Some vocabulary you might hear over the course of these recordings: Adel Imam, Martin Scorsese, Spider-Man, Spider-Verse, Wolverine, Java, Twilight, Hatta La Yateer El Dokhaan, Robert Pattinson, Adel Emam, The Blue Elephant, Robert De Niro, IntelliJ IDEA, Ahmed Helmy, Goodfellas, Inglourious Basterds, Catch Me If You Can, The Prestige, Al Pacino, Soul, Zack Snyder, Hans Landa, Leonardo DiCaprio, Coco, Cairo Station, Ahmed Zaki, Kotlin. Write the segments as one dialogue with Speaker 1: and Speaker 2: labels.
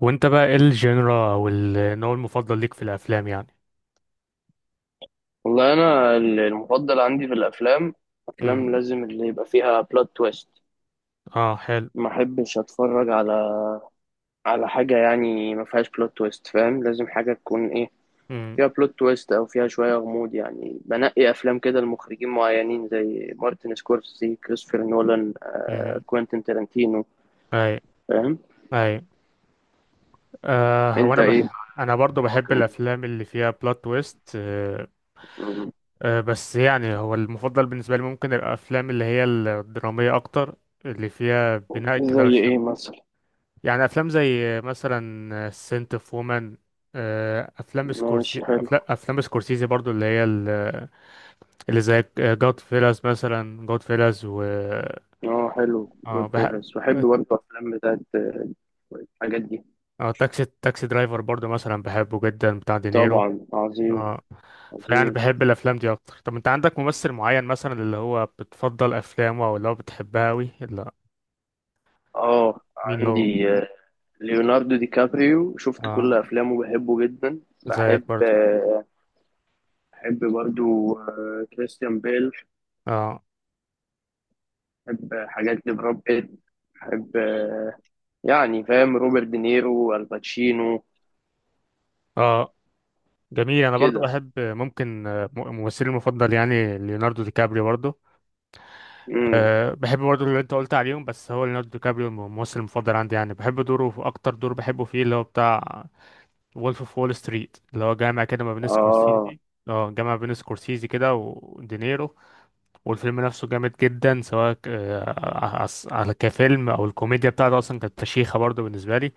Speaker 1: وانت بقى ايه الجينرا او النوع المفضل ليك في الافلام يعني؟
Speaker 2: والله انا المفضل عندي في الافلام، افلام
Speaker 1: امم.
Speaker 2: لازم اللي يبقى فيها بلوت تويست.
Speaker 1: اه، حلو.
Speaker 2: ما احبش اتفرج على حاجه، يعني ما فيهاش بلوت تويست، فاهم؟ لازم حاجه تكون ايه،
Speaker 1: امم.
Speaker 2: فيها بلوت تويست او فيها شويه غموض. يعني بنقي افلام كده لمخرجين معينين، زي مارتن سكورسي، كريستوفر نولان،
Speaker 1: امم.
Speaker 2: كوينتين تارانتينو،
Speaker 1: اي.
Speaker 2: فاهم؟
Speaker 1: اي. آه،
Speaker 2: انت ايه بقى؟
Speaker 1: انا برضو بحب
Speaker 2: ممكن-
Speaker 1: الافلام اللي فيها بلوت تويست، آه.
Speaker 2: مم.
Speaker 1: آه، بس يعني هو المفضل بالنسبه لي ممكن الافلام اللي هي الدراميه اكتر، اللي فيها بناء كده على
Speaker 2: زي ايه
Speaker 1: الشخص.
Speaker 2: مثلا؟
Speaker 1: يعني افلام زي مثلا سنت اوف وومن، افلام سكورسي،
Speaker 2: ماشي، حلو.
Speaker 1: افلام سكورسيزي برضو، اللي زي جود فيلاز مثلا، جود فيلاز و
Speaker 2: اه حلو،
Speaker 1: اه
Speaker 2: جود
Speaker 1: بحب.
Speaker 2: فيلز بحب برضه، افلام بتاعت الحاجات دي.
Speaker 1: اه، تاكسي درايفر برضو مثلا بحبه جدا، بتاع دينيرو.
Speaker 2: طبعا، عظيم.
Speaker 1: اه. فيعني
Speaker 2: عظيم.
Speaker 1: بحب الافلام دي اكتر. طب انت عندك ممثل معين مثلا اللي هو بتفضل افلامه او اللي هو بتحبها اوي؟ لا،
Speaker 2: اه
Speaker 1: مين هو؟
Speaker 2: عندي ليوناردو دي كابريو، شفت
Speaker 1: اه،
Speaker 2: كل افلامه بحبه جدا.
Speaker 1: زيك
Speaker 2: بحب
Speaker 1: برضو.
Speaker 2: بحب برضو كريستيان بيل.
Speaker 1: اه.
Speaker 2: بحب حاجات لبراد بيت. بحب يعني فاهم، روبرت دينيرو، الباتشينو،
Speaker 1: اه، جميل. انا برضو
Speaker 2: كده.
Speaker 1: بحب ممكن، ممثلي المفضل يعني ليوناردو دي كابريو برضو.
Speaker 2: امم.
Speaker 1: أه، بحب برضو اللي انت قلت عليهم، بس هو ليوناردو دي كابريو الممثل المفضل عندي يعني. بحب دوره، اكتر دور بحبه فيه اللي هو بتاع وولف اوف وول ستريت، اللي هو جامع كده ما بين
Speaker 2: اه
Speaker 1: سكورسيزي. اه، جامع بين سكورسيزي كده ودينيرو. والفيلم نفسه جامد جدا، سواء على كفيلم او الكوميديا بتاعته اصلا كانت فشيخه برضه بالنسبه لي.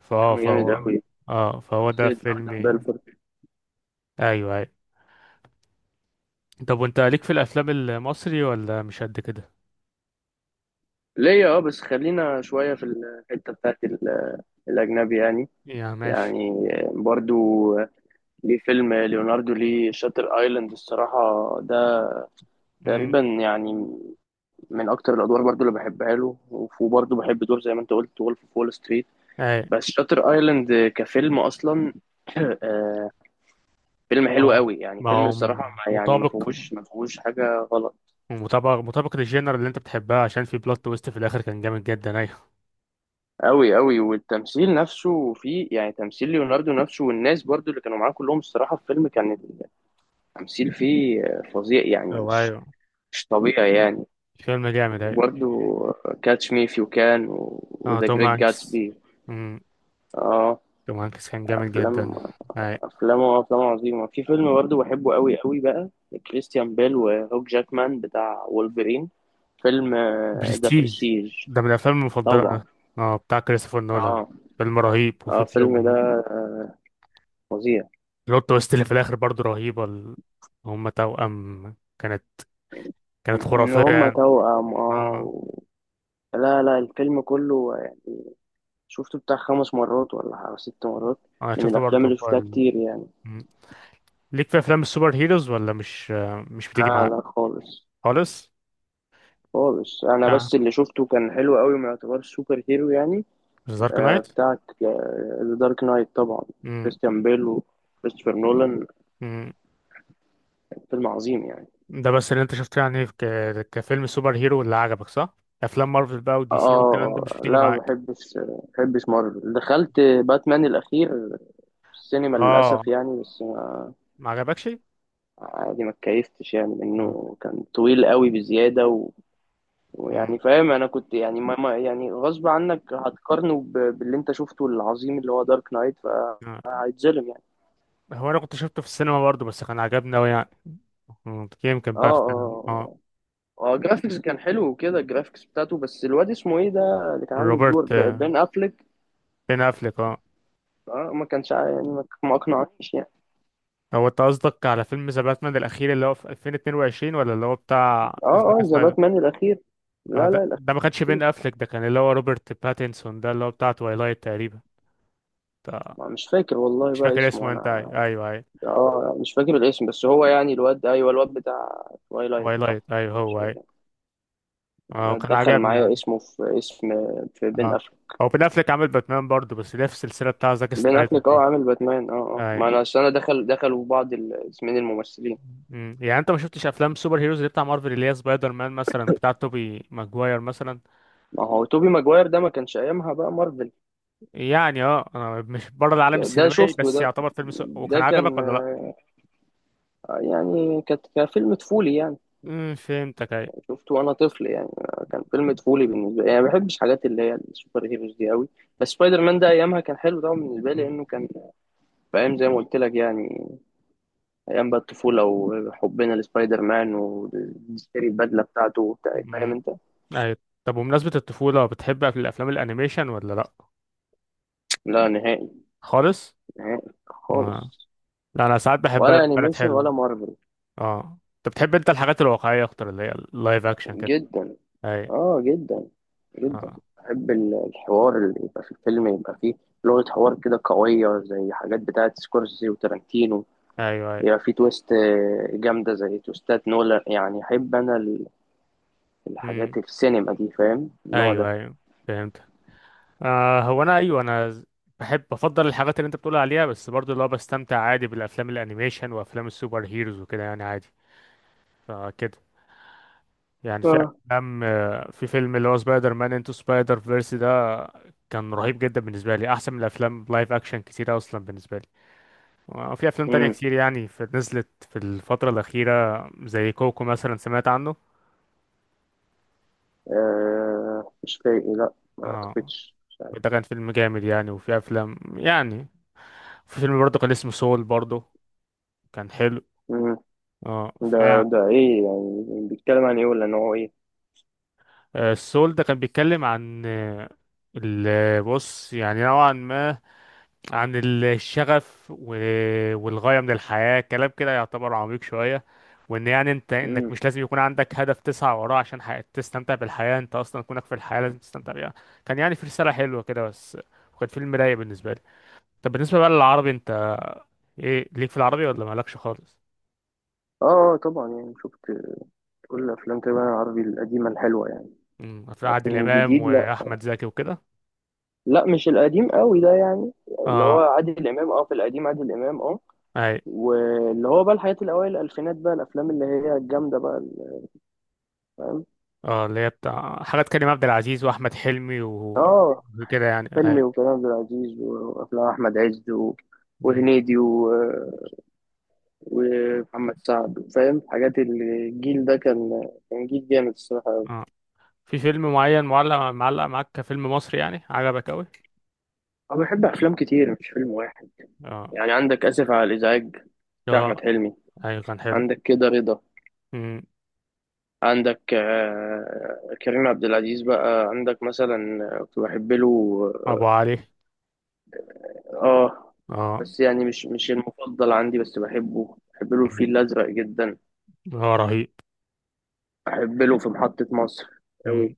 Speaker 1: فهو
Speaker 2: فيلم جامد
Speaker 1: فهو
Speaker 2: قوي،
Speaker 1: اه، فهو ده
Speaker 2: شخصية
Speaker 1: فيلم
Speaker 2: جوردن
Speaker 1: يعني.
Speaker 2: بيلفورد.
Speaker 1: ايوه، ايوه. طب وانت ليك في الافلام المصري ولا مش قد كده؟
Speaker 2: ليا اه، بس خلينا شوية في الحتة بتاعت الأجنبي يعني.
Speaker 1: يا ماشي.
Speaker 2: يعني برضو ليه فيلم، ليوناردو، ليه شاتر ايلاند الصراحة ده
Speaker 1: امم.
Speaker 2: تقريبا. يعني من اكتر الادوار برضو اللي بحبها له، وبرضو بحب دور زي ما انت قلت وولف اوف وول ستريت،
Speaker 1: اي.
Speaker 2: بس شاتر ايلاند كفيلم اصلا آه، فيلم
Speaker 1: ما
Speaker 2: حلو
Speaker 1: هو
Speaker 2: قوي يعني.
Speaker 1: ما
Speaker 2: فيلم
Speaker 1: هو
Speaker 2: الصراحة يعني ما
Speaker 1: مطابق،
Speaker 2: فيهوش ما فيهوش حاجة غلط.
Speaker 1: مطابق للجينر اللي انت بتحبها، عشان في بلوت تويست في الاخر كان جامد جدا. ايوه.
Speaker 2: قوي قوي، والتمثيل نفسه فيه، يعني تمثيل ليوناردو نفسه والناس برضو اللي كانوا معاه كلهم الصراحة في الفيلم، كان التمثيل فيه فظيع يعني،
Speaker 1: ايوه، ايوه.
Speaker 2: مش طبيعي يعني.
Speaker 1: فيلم جامد، ايوه.
Speaker 2: وبرده كاتش مي إف يو كان،
Speaker 1: اه،
Speaker 2: وذا
Speaker 1: توم
Speaker 2: جريت
Speaker 1: هانكس.
Speaker 2: جاتسبي.
Speaker 1: امم.
Speaker 2: اه
Speaker 1: توم هانكس كان جامد
Speaker 2: افلام،
Speaker 1: جدا. اي.
Speaker 2: افلام عظيمه. في فيلم برضه بحبه قوي قوي بقى، كريستيان بيل وهوك جاكمان بتاع وولفرين. فيلم ذا
Speaker 1: برستيج،
Speaker 2: برستيج،
Speaker 1: ده من الافلام المفضله
Speaker 2: طبعا.
Speaker 1: ده. اه، بتاع كريستوفر نولان.
Speaker 2: اه
Speaker 1: فيلم رهيب،
Speaker 2: اه الفيلم ده فظيع.
Speaker 1: بلوت تويست اللي في الاخر برضه رهيبه. هم توأم كانت، كانت
Speaker 2: ان
Speaker 1: خرافيه
Speaker 2: هما
Speaker 1: يعني.
Speaker 2: توأم، اه
Speaker 1: اه.
Speaker 2: و... لا لا، الفيلم كله شفته بتاع خمس مرات ولا ست مرات،
Speaker 1: اه، انا
Speaker 2: من
Speaker 1: شفته
Speaker 2: الافلام
Speaker 1: برضه
Speaker 2: اللي
Speaker 1: في
Speaker 2: شفتها كتير يعني.
Speaker 1: مم. ليك في افلام السوبر هيروز ولا مش بتيجي
Speaker 2: لا
Speaker 1: معاك؟
Speaker 2: لا خالص.
Speaker 1: خالص.
Speaker 2: خالص، انا
Speaker 1: اه،
Speaker 2: بس اللي شفته كان حلو قوي، ما يعتبرش سوبر هيرو يعني.
Speaker 1: دارك
Speaker 2: آه
Speaker 1: نايت.
Speaker 2: بتاعت ذا دارك نايت طبعا، كريستيان بيل وكريستوفر نولان، فيلم عظيم يعني.
Speaker 1: ده بس اللي انت شفته يعني كفيلم سوبر هيرو اللي عجبك، صح؟ افلام مارفل بقى ودي سي والكلام ده مش
Speaker 2: اه
Speaker 1: بتيجي
Speaker 2: لا، ما
Speaker 1: معاك؟
Speaker 2: بحبش ما بحبش مارفل. دخلت باتمان الاخير في السينما
Speaker 1: اه.
Speaker 2: للاسف يعني، بس
Speaker 1: ما عجبكش؟
Speaker 2: عادي، ما اتكيفتش يعني
Speaker 1: اه.
Speaker 2: منه، كان طويل قوي بزياده و...
Speaker 1: مم.
Speaker 2: ويعني فاهم، انا كنت يعني يعني غصب عنك هتقارنه ب... باللي انت شفته العظيم اللي هو دارك نايت،
Speaker 1: آه.
Speaker 2: فهيتظلم يعني.
Speaker 1: هو انا كنت شفته في السينما برضه، بس كان عجبني اوي يعني. مم. يمكن
Speaker 2: اه
Speaker 1: بقى اختلف. اه.
Speaker 2: اه اه جرافيكس كان حلو وكده، الجرافيكس بتاعته، بس الواد اسمه ايه ده اللي كان عامل الدور،
Speaker 1: روبرت،
Speaker 2: بين افليك.
Speaker 1: بين افليك، اه.
Speaker 2: اه ما كانش يعني ما اقنعنيش يعني.
Speaker 1: هو انت قصدك على فيلم ذا باتمان الاخير اللي هو في 2022 ولا اللي هو بتاع
Speaker 2: اه
Speaker 1: زاك
Speaker 2: اه ذا
Speaker 1: سنايدر؟
Speaker 2: باتمان الاخير.
Speaker 1: آه
Speaker 2: لا لا
Speaker 1: ده
Speaker 2: الاخير.
Speaker 1: ما كانش بين افليك، ده كان اللي هو روبرت باتنسون، ده اللي هو بتاع تويلايت تقريبا، بتاع-
Speaker 2: مش فاكر والله
Speaker 1: مش
Speaker 2: بقى
Speaker 1: فاكر
Speaker 2: اسمه
Speaker 1: اسمه انت،
Speaker 2: انا.
Speaker 1: ايوه ايوه ايوه.
Speaker 2: اه مش فاكر الاسم، بس هو يعني الواد، ايوه الواد بتاع تويلايت صح؟
Speaker 1: وايلايت، ايوه،
Speaker 2: مش
Speaker 1: هو ايوه.
Speaker 2: فاكر.
Speaker 1: اه
Speaker 2: انا
Speaker 1: كان
Speaker 2: اتدخل
Speaker 1: عجبني
Speaker 2: معايا
Speaker 1: يعني.
Speaker 2: اسمه في اسم، في بين
Speaker 1: اه،
Speaker 2: افليك.
Speaker 1: هو بين افلك عامل باتمان برضه، بس ليه في السلسله بتاع زاك
Speaker 2: بين
Speaker 1: سنايدر
Speaker 2: افليك اه
Speaker 1: دي.
Speaker 2: عامل باتمان، اه اه ما
Speaker 1: اي.
Speaker 2: انا أصل انا دخلوا بعض الاسمين الممثلين.
Speaker 1: مم. يعني انت ما شفتش افلام سوبر هيروز اللي بتاع مارفل اللي هي سبايدر مان مثلا بتاع توبي ماجواير مثلا؟
Speaker 2: ما هو توبي ماجواير ده ما كانش ايامها بقى مارفل.
Speaker 1: يعني اه، انا مش بره العالم
Speaker 2: ده
Speaker 1: السينمائي،
Speaker 2: شفته
Speaker 1: بس
Speaker 2: ده.
Speaker 1: يعتبر فيلم
Speaker 2: ده
Speaker 1: وكان
Speaker 2: كان
Speaker 1: عجبك ولا لا؟
Speaker 2: يعني كان فيلم طفولي يعني.
Speaker 1: مم، فهمتك. اي.
Speaker 2: شفته وانا طفل يعني، كان فيلم طفولي بالنسبه لي يعني، ما بحبش حاجات اللي هي السوبر هيروز دي قوي. بس سبايدر مان ده ايامها كان حلو طبعا بالنسبه لي،
Speaker 1: مم.
Speaker 2: لانه كان في ايام زي ما قلت لك يعني، ايام بقى الطفوله وحبنا لسبايدر مان ونشتري البدله بتاعته وبتاع، فاهم
Speaker 1: مم.
Speaker 2: انت.
Speaker 1: اي. طب، وبمناسبة الطفولة، بتحب الافلام الانيميشن ولا لا؟
Speaker 2: لا نهائي.
Speaker 1: خالص.
Speaker 2: نهائي
Speaker 1: آه.
Speaker 2: خالص.
Speaker 1: لا، انا ساعات بحبها
Speaker 2: ولا
Speaker 1: لما كانت
Speaker 2: انيميشن
Speaker 1: حلوه.
Speaker 2: ولا مارفل.
Speaker 1: اه، انت بتحب انت الحاجات الواقعية اكتر، اللي هي اللايف اكشن كده.
Speaker 2: جدا.
Speaker 1: اي.
Speaker 2: اه جدا جدا.
Speaker 1: اه.
Speaker 2: بحب الحوار اللي يبقى في الفيلم، يبقى فيه لغة حوار كده قوية زي حاجات بتاعة سكورسي وتارانتينو.
Speaker 1: ايوه. اي.
Speaker 2: يبقى فيه تويست جامدة زي تويستات نولان يعني. أحب أنا الحاجات
Speaker 1: امم.
Speaker 2: في السينما دي، فاهم، النوع
Speaker 1: ايوه،
Speaker 2: ده.
Speaker 1: ايوه. فهمت. آه، هو انا ايوه انا ز- بفضل الحاجات اللي انت بتقول عليها، بس برضه اللي هو بستمتع عادي بالافلام الانيميشن وافلام السوبر هيروز وكده يعني، عادي. فكده، يعني في
Speaker 2: اه.
Speaker 1: افلام في فيلم اللي هو سبايدر مان انتو سبايدر فيرس ده، كان رهيب جدا بالنسبه لي، احسن من الافلام لايف اكشن كتير اصلا بالنسبه لي. وفي افلام تانية
Speaker 2: مم.
Speaker 1: كتير يعني في، نزلت في الفتره الاخيره، زي كوكو مثلا، سمعت عنه؟
Speaker 2: آه مش فايق، لأ ما
Speaker 1: اه،
Speaker 2: أعتقدش، مش عارف.
Speaker 1: ده كان فيلم جامد يعني. وفي افلام يعني، في فيلم برضه كان اسمه سول برضه، كان حلو.
Speaker 2: مم.
Speaker 1: اه
Speaker 2: ده ده إيه يعني؟ بيتكلم عن إيه ولا نوعه إيه؟
Speaker 1: السول ده كان بيتكلم عن، بص يعني نوعا ما عن الشغف والغاية من الحياة، كلام كده يعتبر عميق شوية. وان يعني انت، انك
Speaker 2: مم.
Speaker 1: مش لازم يكون عندك هدف تسعى وراه عشان تستمتع بالحياة، انت اصلا كونك في الحياة لازم تستمتع بيها. كان يعني في رسالة حلوة كده بس، وكان فيلم رايق بالنسبة لي. طب بالنسبة بقى للعربي انت، ايه ليك في العربي ولا مالكش خالص؟
Speaker 2: آه آه، طبعا يعني شفت كل أفلام تقريبا العربي القديمة الحلوة يعني.
Speaker 1: امم. هتلاقي عادل
Speaker 2: لكن
Speaker 1: امام
Speaker 2: جديد لأ.
Speaker 1: واحمد زكي وكده.
Speaker 2: لا مش القديم قوي ده يعني، اللي هو
Speaker 1: اه.
Speaker 2: عادل امام، اه في القديم عادل امام اه.
Speaker 1: اي.
Speaker 2: واللي هو بقى الحاجات الاوائل الالفينات بقى، الافلام اللي هي الجامده بقى فاهم.
Speaker 1: اه، اللي هي بتاع حاجات كريم عبد العزيز واحمد حلمي
Speaker 2: اه
Speaker 1: وكده يعني. اي.
Speaker 2: فيلمي وكريم عبد العزيز وافلام احمد عز و...
Speaker 1: امم.
Speaker 2: وهنيدي و... ومحمد سعد، فاهم، حاجات الجيل ده، كان جيل جامد الصراحه.
Speaker 1: اه، في فيلم معين معلق معاك كفيلم مصري يعني عجبك اوي؟
Speaker 2: انا بحب افلام كتير مش فيلم واحد.
Speaker 1: اه،
Speaker 2: يعني عندك اسف على الازعاج بتاع احمد
Speaker 1: اه.
Speaker 2: حلمي،
Speaker 1: ايوه، كان حلو.
Speaker 2: عندك كده رضا،
Speaker 1: امم.
Speaker 2: عندك كريم عبد العزيز بقى، عندك مثلا كنت بحب له.
Speaker 1: ابو
Speaker 2: اه
Speaker 1: علي.
Speaker 2: آه،
Speaker 1: اه.
Speaker 2: بس يعني مش المفضل عندي، بس بحبه، بحب له الفيل
Speaker 1: امم.
Speaker 2: الأزرق جدا.
Speaker 1: هو رهيب.
Speaker 2: بحب له في محطة مصر أوي.
Speaker 1: امم.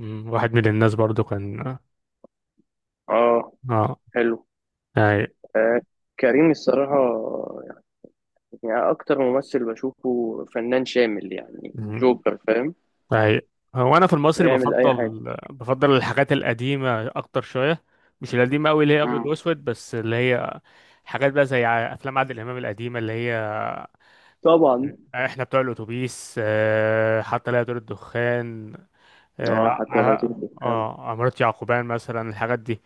Speaker 1: امم. واحد من الناس برضو، كان
Speaker 2: اه
Speaker 1: اه.
Speaker 2: حلو.
Speaker 1: اي.
Speaker 2: آه كريم الصراحة، يعني أكتر ممثل بشوفه فنان شامل يعني، جوكر، فاهم،
Speaker 1: أي. هو أنا في المصري
Speaker 2: يعمل أي حاجة.
Speaker 1: بفضل الحاجات القديمة أكتر شوية، مش القديمة أوي اللي هي أبيض
Speaker 2: مم.
Speaker 1: وأسود، بس اللي هي حاجات بقى زي أفلام عادل إمام القديمة اللي هي،
Speaker 2: طبعا.
Speaker 1: إحنا بتوع الأتوبيس، حتى لا يطير الدخان، آه
Speaker 2: اه حتى لا
Speaker 1: ع-
Speaker 2: تكذب كان.
Speaker 1: عمارة يعقوبيان مثلا، الحاجات دي.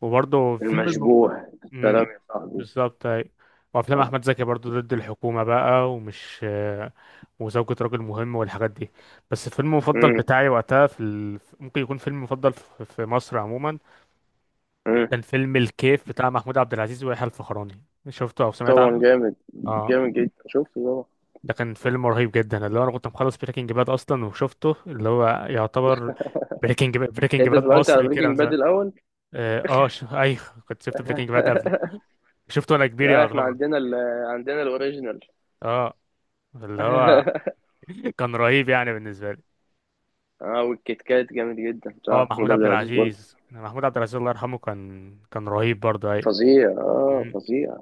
Speaker 1: وبرضه
Speaker 2: المشبوح. سلام
Speaker 1: امم.
Speaker 2: يا صاحبي.
Speaker 1: بالظبط، أيوة. وافلام
Speaker 2: اه.
Speaker 1: احمد زكي برضو، ضد الحكومه بقى، ومش، وزوجة راجل مهم والحاجات دي. بس الفيلم المفضل
Speaker 2: مم.
Speaker 1: بتاعي وقتها في ممكن يكون فيلم مفضل في مصر عموما،
Speaker 2: مم.
Speaker 1: كان فيلم الكيف بتاع محمود عبد العزيز ويحيى الفخراني. شفته او سمعت
Speaker 2: طبعا
Speaker 1: عنه؟
Speaker 2: جامد.
Speaker 1: اه.
Speaker 2: جامد جدا، شفته طبعا.
Speaker 1: ده كان فيلم رهيب جدا، اللي هو انا كنت مخلص بريكنج باد اصلا وشفته، اللي هو يعتبر بريكنج باد، بريكنج
Speaker 2: يعني انت
Speaker 1: باد
Speaker 2: اتفرجت على
Speaker 1: مصري كده من
Speaker 2: بريكنج باد
Speaker 1: زمان.
Speaker 2: الاول؟
Speaker 1: اه، ايوه، كنت شفت بريكنج باد قبله، شفته وانا كبير
Speaker 2: لا احنا
Speaker 1: يعتبر.
Speaker 2: عندنا ال، عندنا الاوريجينال.
Speaker 1: اه. اللي هو كان رهيب يعني بالنسبه لي.
Speaker 2: اه والكيت كات جامد جدا بتاع
Speaker 1: اه، محمود
Speaker 2: محمود عبد
Speaker 1: عبد
Speaker 2: العزيز برضه.
Speaker 1: العزيز، محمود عبد العزيز الله يرحمه، كان رهيب برضه. اي.
Speaker 2: فظيع اه
Speaker 1: مم.
Speaker 2: فظيع.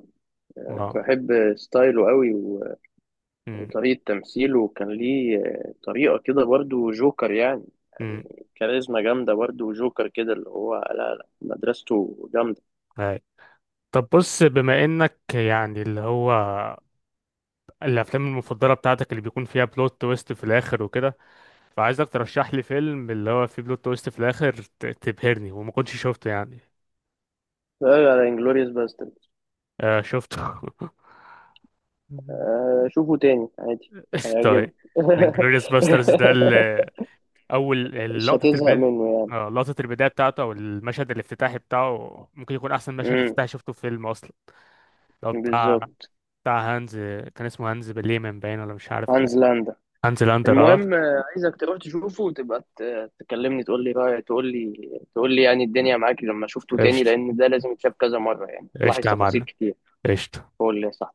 Speaker 2: كنت
Speaker 1: اه.
Speaker 2: بحب ستايله قوي
Speaker 1: مم.
Speaker 2: وطريقة تمثيله، وكان ليه طريقة كده برضه جوكر يعني،
Speaker 1: مم.
Speaker 2: كاريزما جامدة برضه، وجوكر كده اللي هو لا لا مدرسته جامدة.
Speaker 1: اي. طب بص، بما انك يعني اللي هو الافلام المفضله بتاعتك اللي بيكون فيها بلوت تويست في الاخر وكده، فعايزك ترشح لي فيلم اللي هو فيه بلوت تويست في الاخر تبهرني وما كنتش شفته يعني.
Speaker 2: لا، على انجلوريوس باسترد.
Speaker 1: آه شفته.
Speaker 2: آه شوفه تاني عادي، هيعجبك.
Speaker 1: طيب. الانجلوريوس باسترز ده، اول
Speaker 2: مش
Speaker 1: لقطه
Speaker 2: هتزهق
Speaker 1: البدايه،
Speaker 2: منه يعني.
Speaker 1: اه، لقطه البدايه بتاعته او المشهد الافتتاحي بتاعه ممكن يكون احسن مشهد
Speaker 2: امم.
Speaker 1: افتتاحي شفته في فيلم اصلا. لو بتاع،
Speaker 2: بالظبط.
Speaker 1: بتاع هانز، كان اسمه هانز بليمن باين ولا مش عارف كان.
Speaker 2: هانز لاندا.
Speaker 1: هانز لاندر، اه.
Speaker 2: المهم عايزك تروح تشوفه وتبقى تكلمني تقول لي رايك، تقول لي يعني الدنيا معاك لما شفته تاني،
Speaker 1: قشطه.
Speaker 2: لان ده لازم يتشاف كذا مره يعني، تلاحظ
Speaker 1: قشطه يا
Speaker 2: تفاصيل
Speaker 1: معلم.
Speaker 2: كتير.
Speaker 1: قشطه.
Speaker 2: قول لي صح.